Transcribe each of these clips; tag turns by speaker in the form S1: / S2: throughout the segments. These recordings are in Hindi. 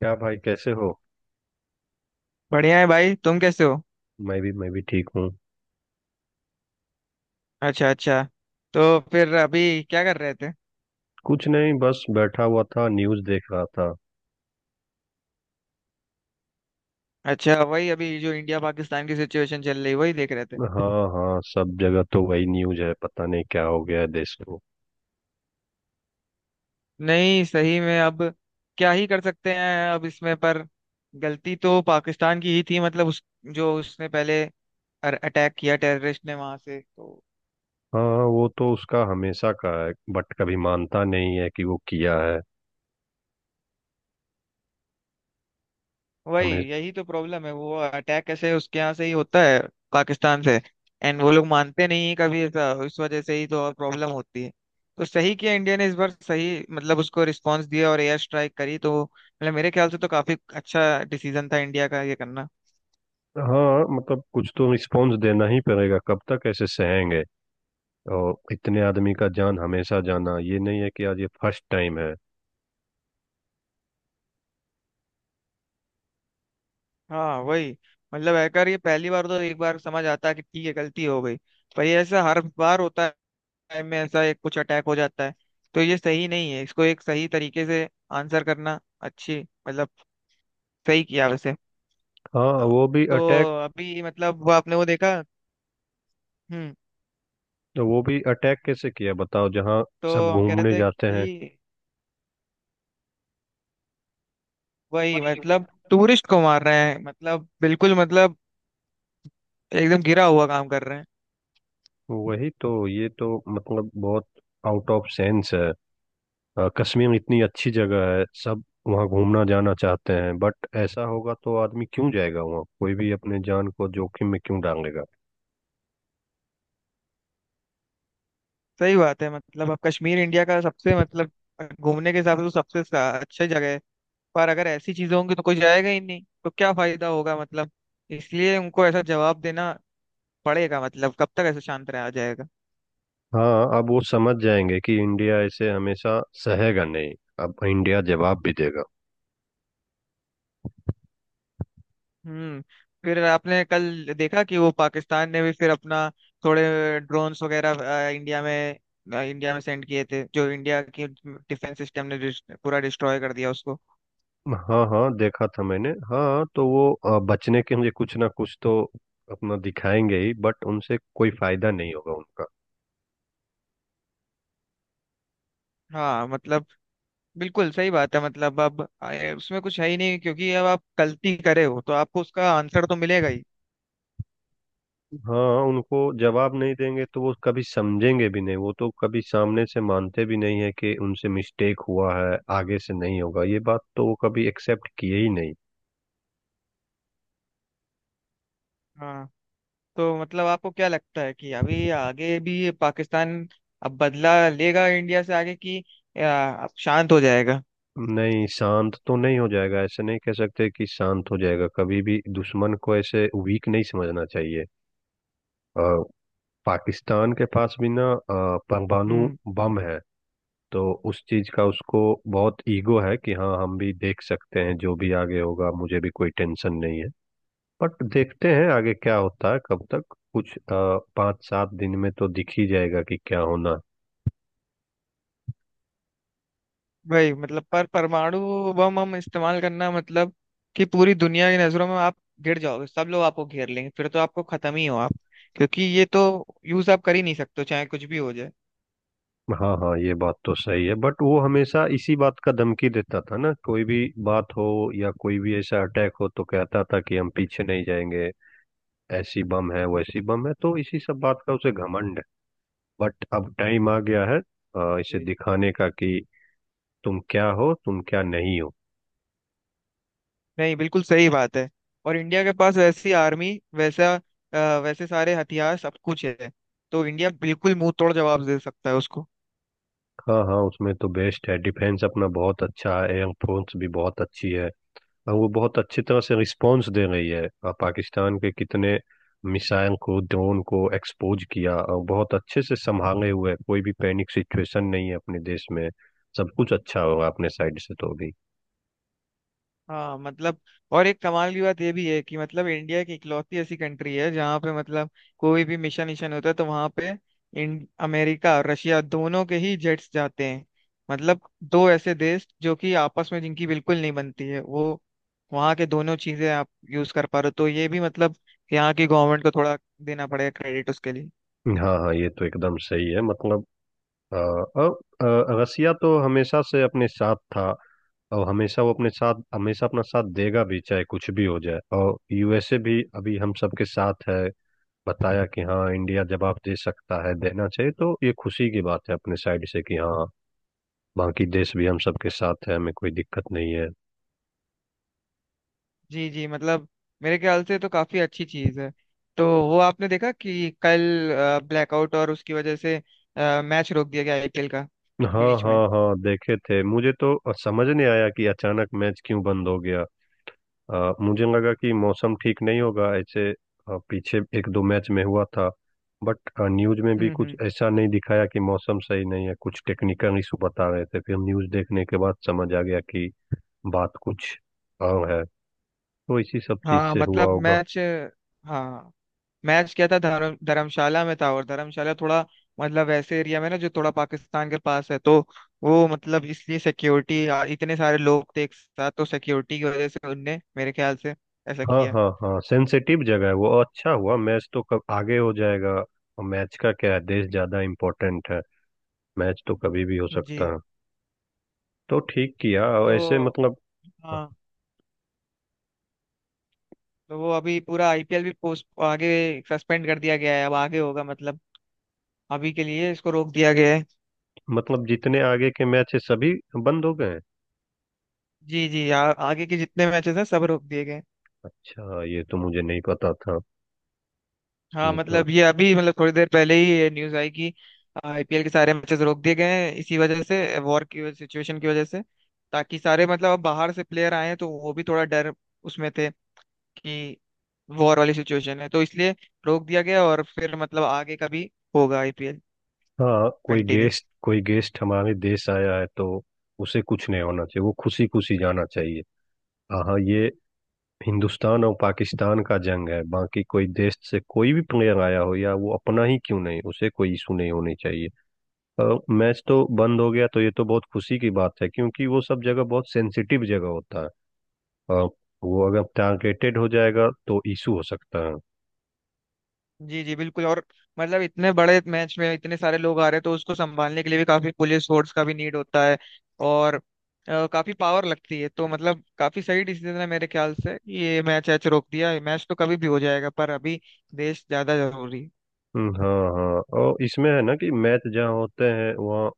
S1: क्या भाई, कैसे हो।
S2: बढ़िया है भाई, तुम कैसे हो?
S1: मैं भी ठीक हूँ।
S2: अच्छा अच्छा। तो फिर अभी क्या कर रहे थे?
S1: कुछ नहीं, बस बैठा हुआ था, न्यूज़ देख रहा था।
S2: अच्छा, वही अभी जो इंडिया पाकिस्तान की सिचुएशन चल रही, वही देख रहे थे।
S1: हाँ हाँ, सब जगह तो वही न्यूज़ है, पता नहीं क्या हो गया है देश को।
S2: नहीं, सही में अब क्या ही कर सकते हैं अब इसमें, पर गलती तो पाकिस्तान की ही थी। मतलब उस, जो उसने पहले अटैक किया टेररिस्ट ने वहां से, तो
S1: हाँ, वो तो उसका हमेशा का है, बट कभी मानता नहीं है कि वो किया है।
S2: वही,
S1: हमें।
S2: यही तो प्रॉब्लम है। वो अटैक कैसे उसके यहाँ से ही होता है, पाकिस्तान से। एंड वो लोग मानते नहीं है कभी ऐसा, इस वजह से ही तो और प्रॉब्लम होती है। तो सही किया इंडिया ने इस बार, सही मतलब उसको रिस्पांस दिया और एयर स्ट्राइक करी, तो मतलब मेरे ख्याल से तो काफी अच्छा डिसीजन था इंडिया का ये करना।
S1: हाँ मतलब कुछ तो रिस्पॉन्स देना ही पड़ेगा, कब तक ऐसे सहेंगे। और इतने आदमी का जान हमेशा जाना, ये नहीं है कि आज ये फर्स्ट टाइम है।
S2: हाँ वही, मतलब हैकर ये पहली बार तो एक बार समझ आता है कि ठीक है, गलती हो गई। पर ये ऐसा हर बार होता है। time में ऐसा एक कुछ अटैक हो जाता है। तो ये सही नहीं है, इसको एक सही तरीके से आंसर करना अच्छी, मतलब सही किया वैसे।
S1: हाँ।
S2: हाँ। तो अभी मतलब वो, आपने वो देखा? हम्म।
S1: वो भी अटैक कैसे किया बताओ, जहाँ
S2: तो
S1: सब
S2: हम कह रहे
S1: घूमने
S2: थे
S1: जाते हैं।
S2: कि वही, मतलब टूरिस्ट को मार रहे हैं, मतलब बिल्कुल, मतलब एकदम गिरा हुआ काम कर रहे हैं।
S1: वही तो, ये तो मतलब बहुत आउट ऑफ सेंस है। कश्मीर इतनी अच्छी जगह है, सब वहाँ घूमना जाना चाहते हैं, बट ऐसा होगा तो आदमी क्यों जाएगा वहाँ, कोई भी अपने जान को जोखिम में क्यों डालेगा।
S2: सही बात है। मतलब अब कश्मीर इंडिया का सबसे मतलब, घूमने के हिसाब से तो सबसे अच्छी जगह है। पर अगर ऐसी चीजें होंगी तो कोई जाएगा ही नहीं, तो क्या फायदा होगा मतलब। इसलिए उनको ऐसा जवाब देना पड़ेगा, मतलब कब तक ऐसे शांत रहा जाएगा?
S1: हाँ अब वो समझ जाएंगे कि इंडिया ऐसे हमेशा सहेगा नहीं, अब इंडिया जवाब भी देगा।
S2: हम्म। फिर आपने कल देखा कि वो पाकिस्तान ने भी फिर अपना थोड़े ड्रोन्स वगैरह अ, इंडिया में इंडिया में सेंड किए थे, जो इंडिया की डिफेंस सिस्टम ने पूरा डिस्ट्रॉय कर दिया उसको।
S1: हाँ हाँ, देखा था मैंने। हाँ तो वो बचने के लिए कुछ ना कुछ तो अपना दिखाएंगे ही, बट उनसे कोई फायदा नहीं होगा उनका।
S2: हाँ मतलब, बिल्कुल सही बात है। मतलब अब उसमें कुछ है ही नहीं, क्योंकि अब आप गलती करे हो तो आपको उसका आंसर तो मिलेगा ही।
S1: हाँ, उनको जवाब नहीं देंगे तो वो कभी समझेंगे भी नहीं, वो तो कभी सामने से मानते भी नहीं है कि उनसे मिस्टेक हुआ है, आगे से नहीं होगा, ये बात तो वो कभी एक्सेप्ट किए ही नहीं।
S2: हाँ। तो मतलब आपको क्या लगता है कि अभी आगे भी पाकिस्तान अब बदला लेगा इंडिया से आगे, कि अब शांत हो जाएगा?
S1: नहीं, शांत तो नहीं हो जाएगा, ऐसे नहीं कह सकते कि शांत हो जाएगा, कभी भी दुश्मन को ऐसे वीक नहीं समझना चाहिए। अ, पाकिस्तान के पास भी ना परमाणु
S2: हम्म।
S1: बम है। तो उस चीज का उसको बहुत ईगो है कि हाँ हम भी देख सकते हैं, जो भी आगे होगा मुझे भी कोई टेंशन नहीं है। बट देखते हैं आगे क्या होता है, कब तक। कुछ 5-7 दिन में तो दिख ही जाएगा कि क्या होना है।
S2: वही, मतलब पर परमाणु बम हम इस्तेमाल करना मतलब कि पूरी दुनिया की नजरों में आप गिर जाओगे, सब लोग आपको घेर लेंगे, फिर तो आपको खत्म ही हो आप। क्योंकि ये तो यूज आप कर ही नहीं सकते हो, चाहे कुछ भी हो जाए।
S1: हाँ हाँ, ये बात तो सही है, बट वो हमेशा इसी बात का धमकी देता था ना, कोई भी बात हो या कोई भी ऐसा अटैक हो तो कहता था कि हम पीछे नहीं जाएंगे, ऐसी बम है वैसी बम है, तो इसी सब बात का उसे घमंड है। बट अब टाइम आ गया है इसे
S2: जी।
S1: दिखाने का कि तुम क्या हो तुम क्या नहीं हो।
S2: नहीं, बिल्कुल सही बात है। और इंडिया के पास वैसी आर्मी, वैसा वैसे सारे हथियार सब कुछ है। तो इंडिया बिल्कुल मुंह तोड़ जवाब दे सकता है उसको।
S1: हाँ हाँ, उसमें तो बेस्ट है, डिफेंस अपना बहुत अच्छा है, एयर फोर्स भी बहुत अच्छी है, और वो बहुत अच्छी तरह से रिस्पॉन्स दे रही है। पाकिस्तान के कितने मिसाइल को, ड्रोन को एक्सपोज किया, और बहुत अच्छे से संभाले हुए है। कोई भी पैनिक सिचुएशन नहीं है अपने देश में, सब कुछ अच्छा होगा अपने साइड से तो भी।
S2: हाँ मतलब, और एक कमाल की बात ये भी है कि मतलब इंडिया की इकलौती ऐसी कंट्री है जहाँ पे मतलब कोई भी मिशन मिशन होता है तो वहाँ पे इन अमेरिका और रशिया दोनों के ही जेट्स जाते हैं। मतलब दो ऐसे देश जो कि आपस में जिनकी बिल्कुल नहीं बनती है, वो वहाँ के दोनों चीजें आप यूज कर पा रहे हो, तो ये भी मतलब यहाँ की गवर्नमेंट को थोड़ा देना पड़ेगा क्रेडिट उसके लिए।
S1: हाँ हाँ, ये तो एकदम सही है मतलब और रसिया तो हमेशा से अपने साथ था, और हमेशा वो अपने साथ, हमेशा अपना साथ देगा भी चाहे कुछ भी हो जाए, और यूएसए भी अभी हम सबके साथ है, बताया कि हाँ इंडिया जवाब दे सकता है, देना चाहिए। तो ये खुशी की बात है अपने साइड से कि हाँ, बाकी देश भी हम सबके साथ है, हमें कोई दिक्कत नहीं है।
S2: जी जी, मतलब मेरे ख्याल से तो काफी अच्छी चीज है। तो वो आपने देखा कि कल ब्लैकआउट, और उसकी वजह से मैच रोक दिया गया आईपीएल का
S1: हाँ
S2: बीच में?
S1: हाँ हाँ, देखे थे। मुझे तो समझ नहीं आया कि अचानक मैच क्यों बंद हो गया। मुझे लगा कि मौसम ठीक नहीं होगा, ऐसे पीछे एक दो मैच में हुआ था, बट न्यूज में भी कुछ
S2: हम्म,
S1: ऐसा नहीं दिखाया कि मौसम सही नहीं है, कुछ टेक्निकल इशू बता रहे थे। फिर न्यूज देखने के बाद समझ आ गया कि बात कुछ और है, तो इसी सब चीज
S2: हाँ
S1: से हुआ
S2: मतलब
S1: होगा।
S2: मैच, हाँ, मैच क्या था, धर्मशाला में था। और धर्मशाला थोड़ा, मतलब ऐसे एरिया में ना जो थोड़ा पाकिस्तान के पास है, तो वो मतलब इसलिए सिक्योरिटी, इतने सारे लोग थे एक साथ, तो सिक्योरिटी की वजह से उनने मेरे ख्याल से ऐसा
S1: हाँ
S2: किया।
S1: हाँ हाँ, सेंसिटिव जगह है वो, और अच्छा हुआ, मैच तो कब आगे हो जाएगा, और मैच का क्या है, देश ज्यादा इम्पोर्टेंट है, मैच तो कभी भी हो सकता
S2: जी।
S1: है, तो ठीक किया। और
S2: तो
S1: ऐसे मतलब,
S2: हाँ, तो वो अभी पूरा आईपीएल भी पोस्ट आगे सस्पेंड कर दिया गया है, अब आगे होगा मतलब, अभी के लिए इसको रोक दिया गया है।
S1: मतलब जितने आगे के मैच है सभी बंद हो गए?
S2: जी जी, आगे के जितने मैचेस हैं सब रोक दिए गए हैं।
S1: अच्छा, ये तो मुझे नहीं पता था,
S2: हाँ
S1: ये तो।
S2: मतलब, ये अभी मतलब थोड़ी देर पहले ही ये न्यूज आई कि आईपीएल के सारे मैचेस रोक दिए गए हैं, इसी वजह से, वॉर की सिचुएशन की वजह से। ताकि सारे मतलब, अब बाहर से प्लेयर आए हैं तो वो भी थोड़ा डर उसमें थे कि वॉर वाली सिचुएशन है, तो इसलिए रोक दिया गया, और फिर मतलब आगे का भी होगा आईपीएल
S1: हाँ, कोई
S2: कंटिन्यू।
S1: गेस्ट कोई गेस्ट हमारे देश आया है तो उसे कुछ नहीं होना चाहिए, वो खुशी खुशी जाना चाहिए। हाँ हाँ, ये हिंदुस्तान और पाकिस्तान का जंग है, बाकी कोई देश से कोई भी प्लेयर आया हो या वो अपना ही क्यों नहीं, उसे कोई इशू नहीं होनी चाहिए। और मैच तो बंद हो गया तो ये तो बहुत खुशी की बात है, क्योंकि वो सब जगह बहुत सेंसिटिव जगह होता है, और वो अगर टारगेटेड हो जाएगा तो इशू हो सकता है।
S2: जी जी बिल्कुल, और मतलब इतने बड़े मैच में इतने सारे लोग आ रहे हैं, तो उसको संभालने के लिए भी काफी पुलिस फोर्स का भी नीड होता है। और काफी पावर लगती है, तो मतलब काफी सही डिसीजन है मेरे ख्याल से, ये मैच ऐच रोक दिया। ये मैच तो कभी भी हो जाएगा, पर अभी देश ज्यादा जरूरी है।
S1: हाँ हाँ, और इसमें है ना कि मैच जहाँ होते हैं वहाँ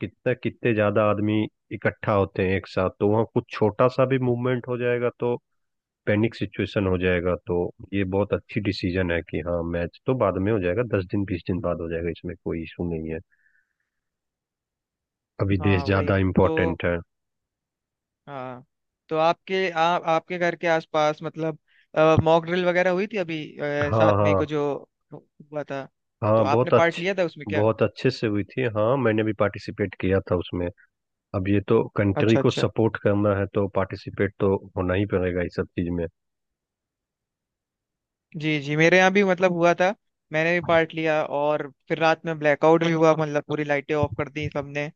S1: कितने कितने ज्यादा आदमी इकट्ठा होते हैं एक साथ, तो वहाँ कुछ छोटा सा भी मूवमेंट हो जाएगा तो पैनिक सिचुएशन हो जाएगा, तो ये बहुत अच्छी डिसीजन है कि हाँ मैच तो बाद में हो जाएगा, 10 दिन 20 दिन बाद हो जाएगा, इसमें कोई इशू नहीं है, अभी देश
S2: हाँ वही।
S1: ज्यादा
S2: तो
S1: इम्पोर्टेंट है।
S2: हाँ, तो आपके घर के आसपास मतलब मॉक ड्रिल वगैरह हुई थी अभी,
S1: हाँ
S2: 7 मई को
S1: हाँ
S2: जो हुआ था? तो
S1: हाँ,
S2: आपने
S1: बहुत
S2: पार्ट
S1: अच्छे,
S2: लिया था उसमें क्या?
S1: बहुत अच्छे से हुई थी। हाँ मैंने भी पार्टिसिपेट किया था उसमें, अब ये तो कंट्री
S2: अच्छा
S1: को
S2: अच्छा।
S1: सपोर्ट करना है तो पार्टिसिपेट तो होना ही पड़ेगा इस सब चीज में।
S2: जी जी, मेरे यहाँ भी मतलब हुआ था, मैंने भी पार्ट लिया, और फिर रात में ब्लैकआउट भी हुआ, मतलब पूरी लाइटें ऑफ कर दी सबने।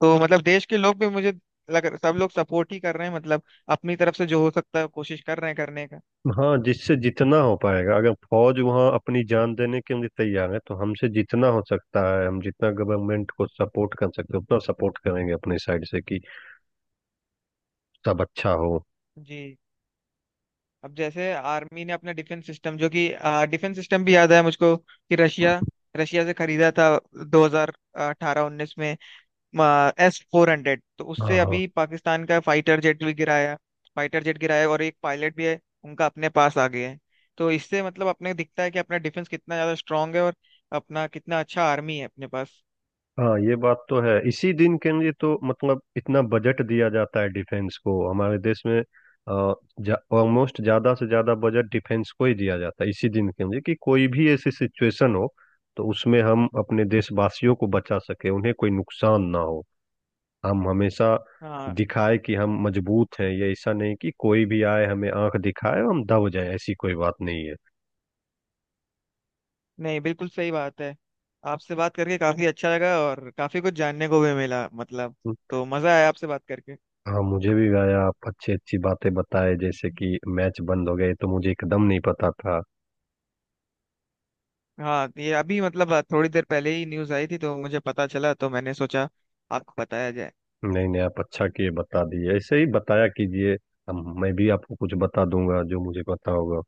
S2: तो मतलब देश के लोग भी, मुझे लग सब लोग सपोर्ट ही कर रहे हैं, मतलब अपनी तरफ से जो हो सकता है कोशिश कर रहे हैं करने का।
S1: हाँ, जिससे जितना हो पाएगा, अगर फौज वहाँ अपनी जान देने के लिए तैयार है तो हमसे जितना हो सकता है, हम जितना गवर्नमेंट को सपोर्ट कर सकते हैं उतना सपोर्ट करेंगे अपनी साइड से, कि सब अच्छा हो।
S2: जी। अब जैसे आर्मी ने अपना डिफेंस सिस्टम, जो कि डिफेंस सिस्टम भी याद है मुझको कि रशिया रशिया से खरीदा था 2018-19 में, S-400, तो
S1: हाँ
S2: उससे
S1: हाँ
S2: अभी पाकिस्तान का फाइटर जेट भी गिराया। फाइटर जेट गिराया, और एक पायलट भी है उनका अपने पास आ गया है। तो इससे मतलब अपने दिखता है कि अपना डिफेंस कितना ज्यादा स्ट्रांग है, और अपना कितना अच्छा आर्मी है अपने पास।
S1: हाँ, ये बात तो है, इसी दिन के लिए तो मतलब इतना बजट दिया जाता है डिफेंस को हमारे देश में, ऑलमोस्ट ज्यादा से ज्यादा बजट डिफेंस को ही दिया जाता है इसी दिन के लिए, कि कोई भी ऐसी सिचुएशन हो तो उसमें हम अपने देशवासियों को बचा सके, उन्हें कोई नुकसान ना हो। हम हमेशा
S2: हाँ।
S1: दिखाए कि हम मजबूत हैं, ये ऐसा नहीं कि कोई भी आए हमें आंख दिखाए और हम दब जाए, ऐसी कोई बात नहीं
S2: नहीं, बिल्कुल सही बात है। आपसे बात करके काफी अच्छा लगा, और काफी कुछ जानने को भी मिला मतलब।
S1: है।
S2: तो मजा आया आपसे बात करके।
S1: हाँ मुझे भी भाई, आप अच्छी अच्छी बातें बताए, जैसे कि मैच बंद हो गए तो मुझे एकदम नहीं पता था।
S2: हाँ, ये अभी मतलब थोड़ी देर पहले ही न्यूज आई थी, तो मुझे पता चला तो मैंने सोचा आपको बताया जाए।
S1: नहीं नहीं, आप अच्छा किए बता दिए, ऐसे ही बताया कीजिए, हम, मैं भी आपको कुछ बता दूंगा जो मुझे पता होगा।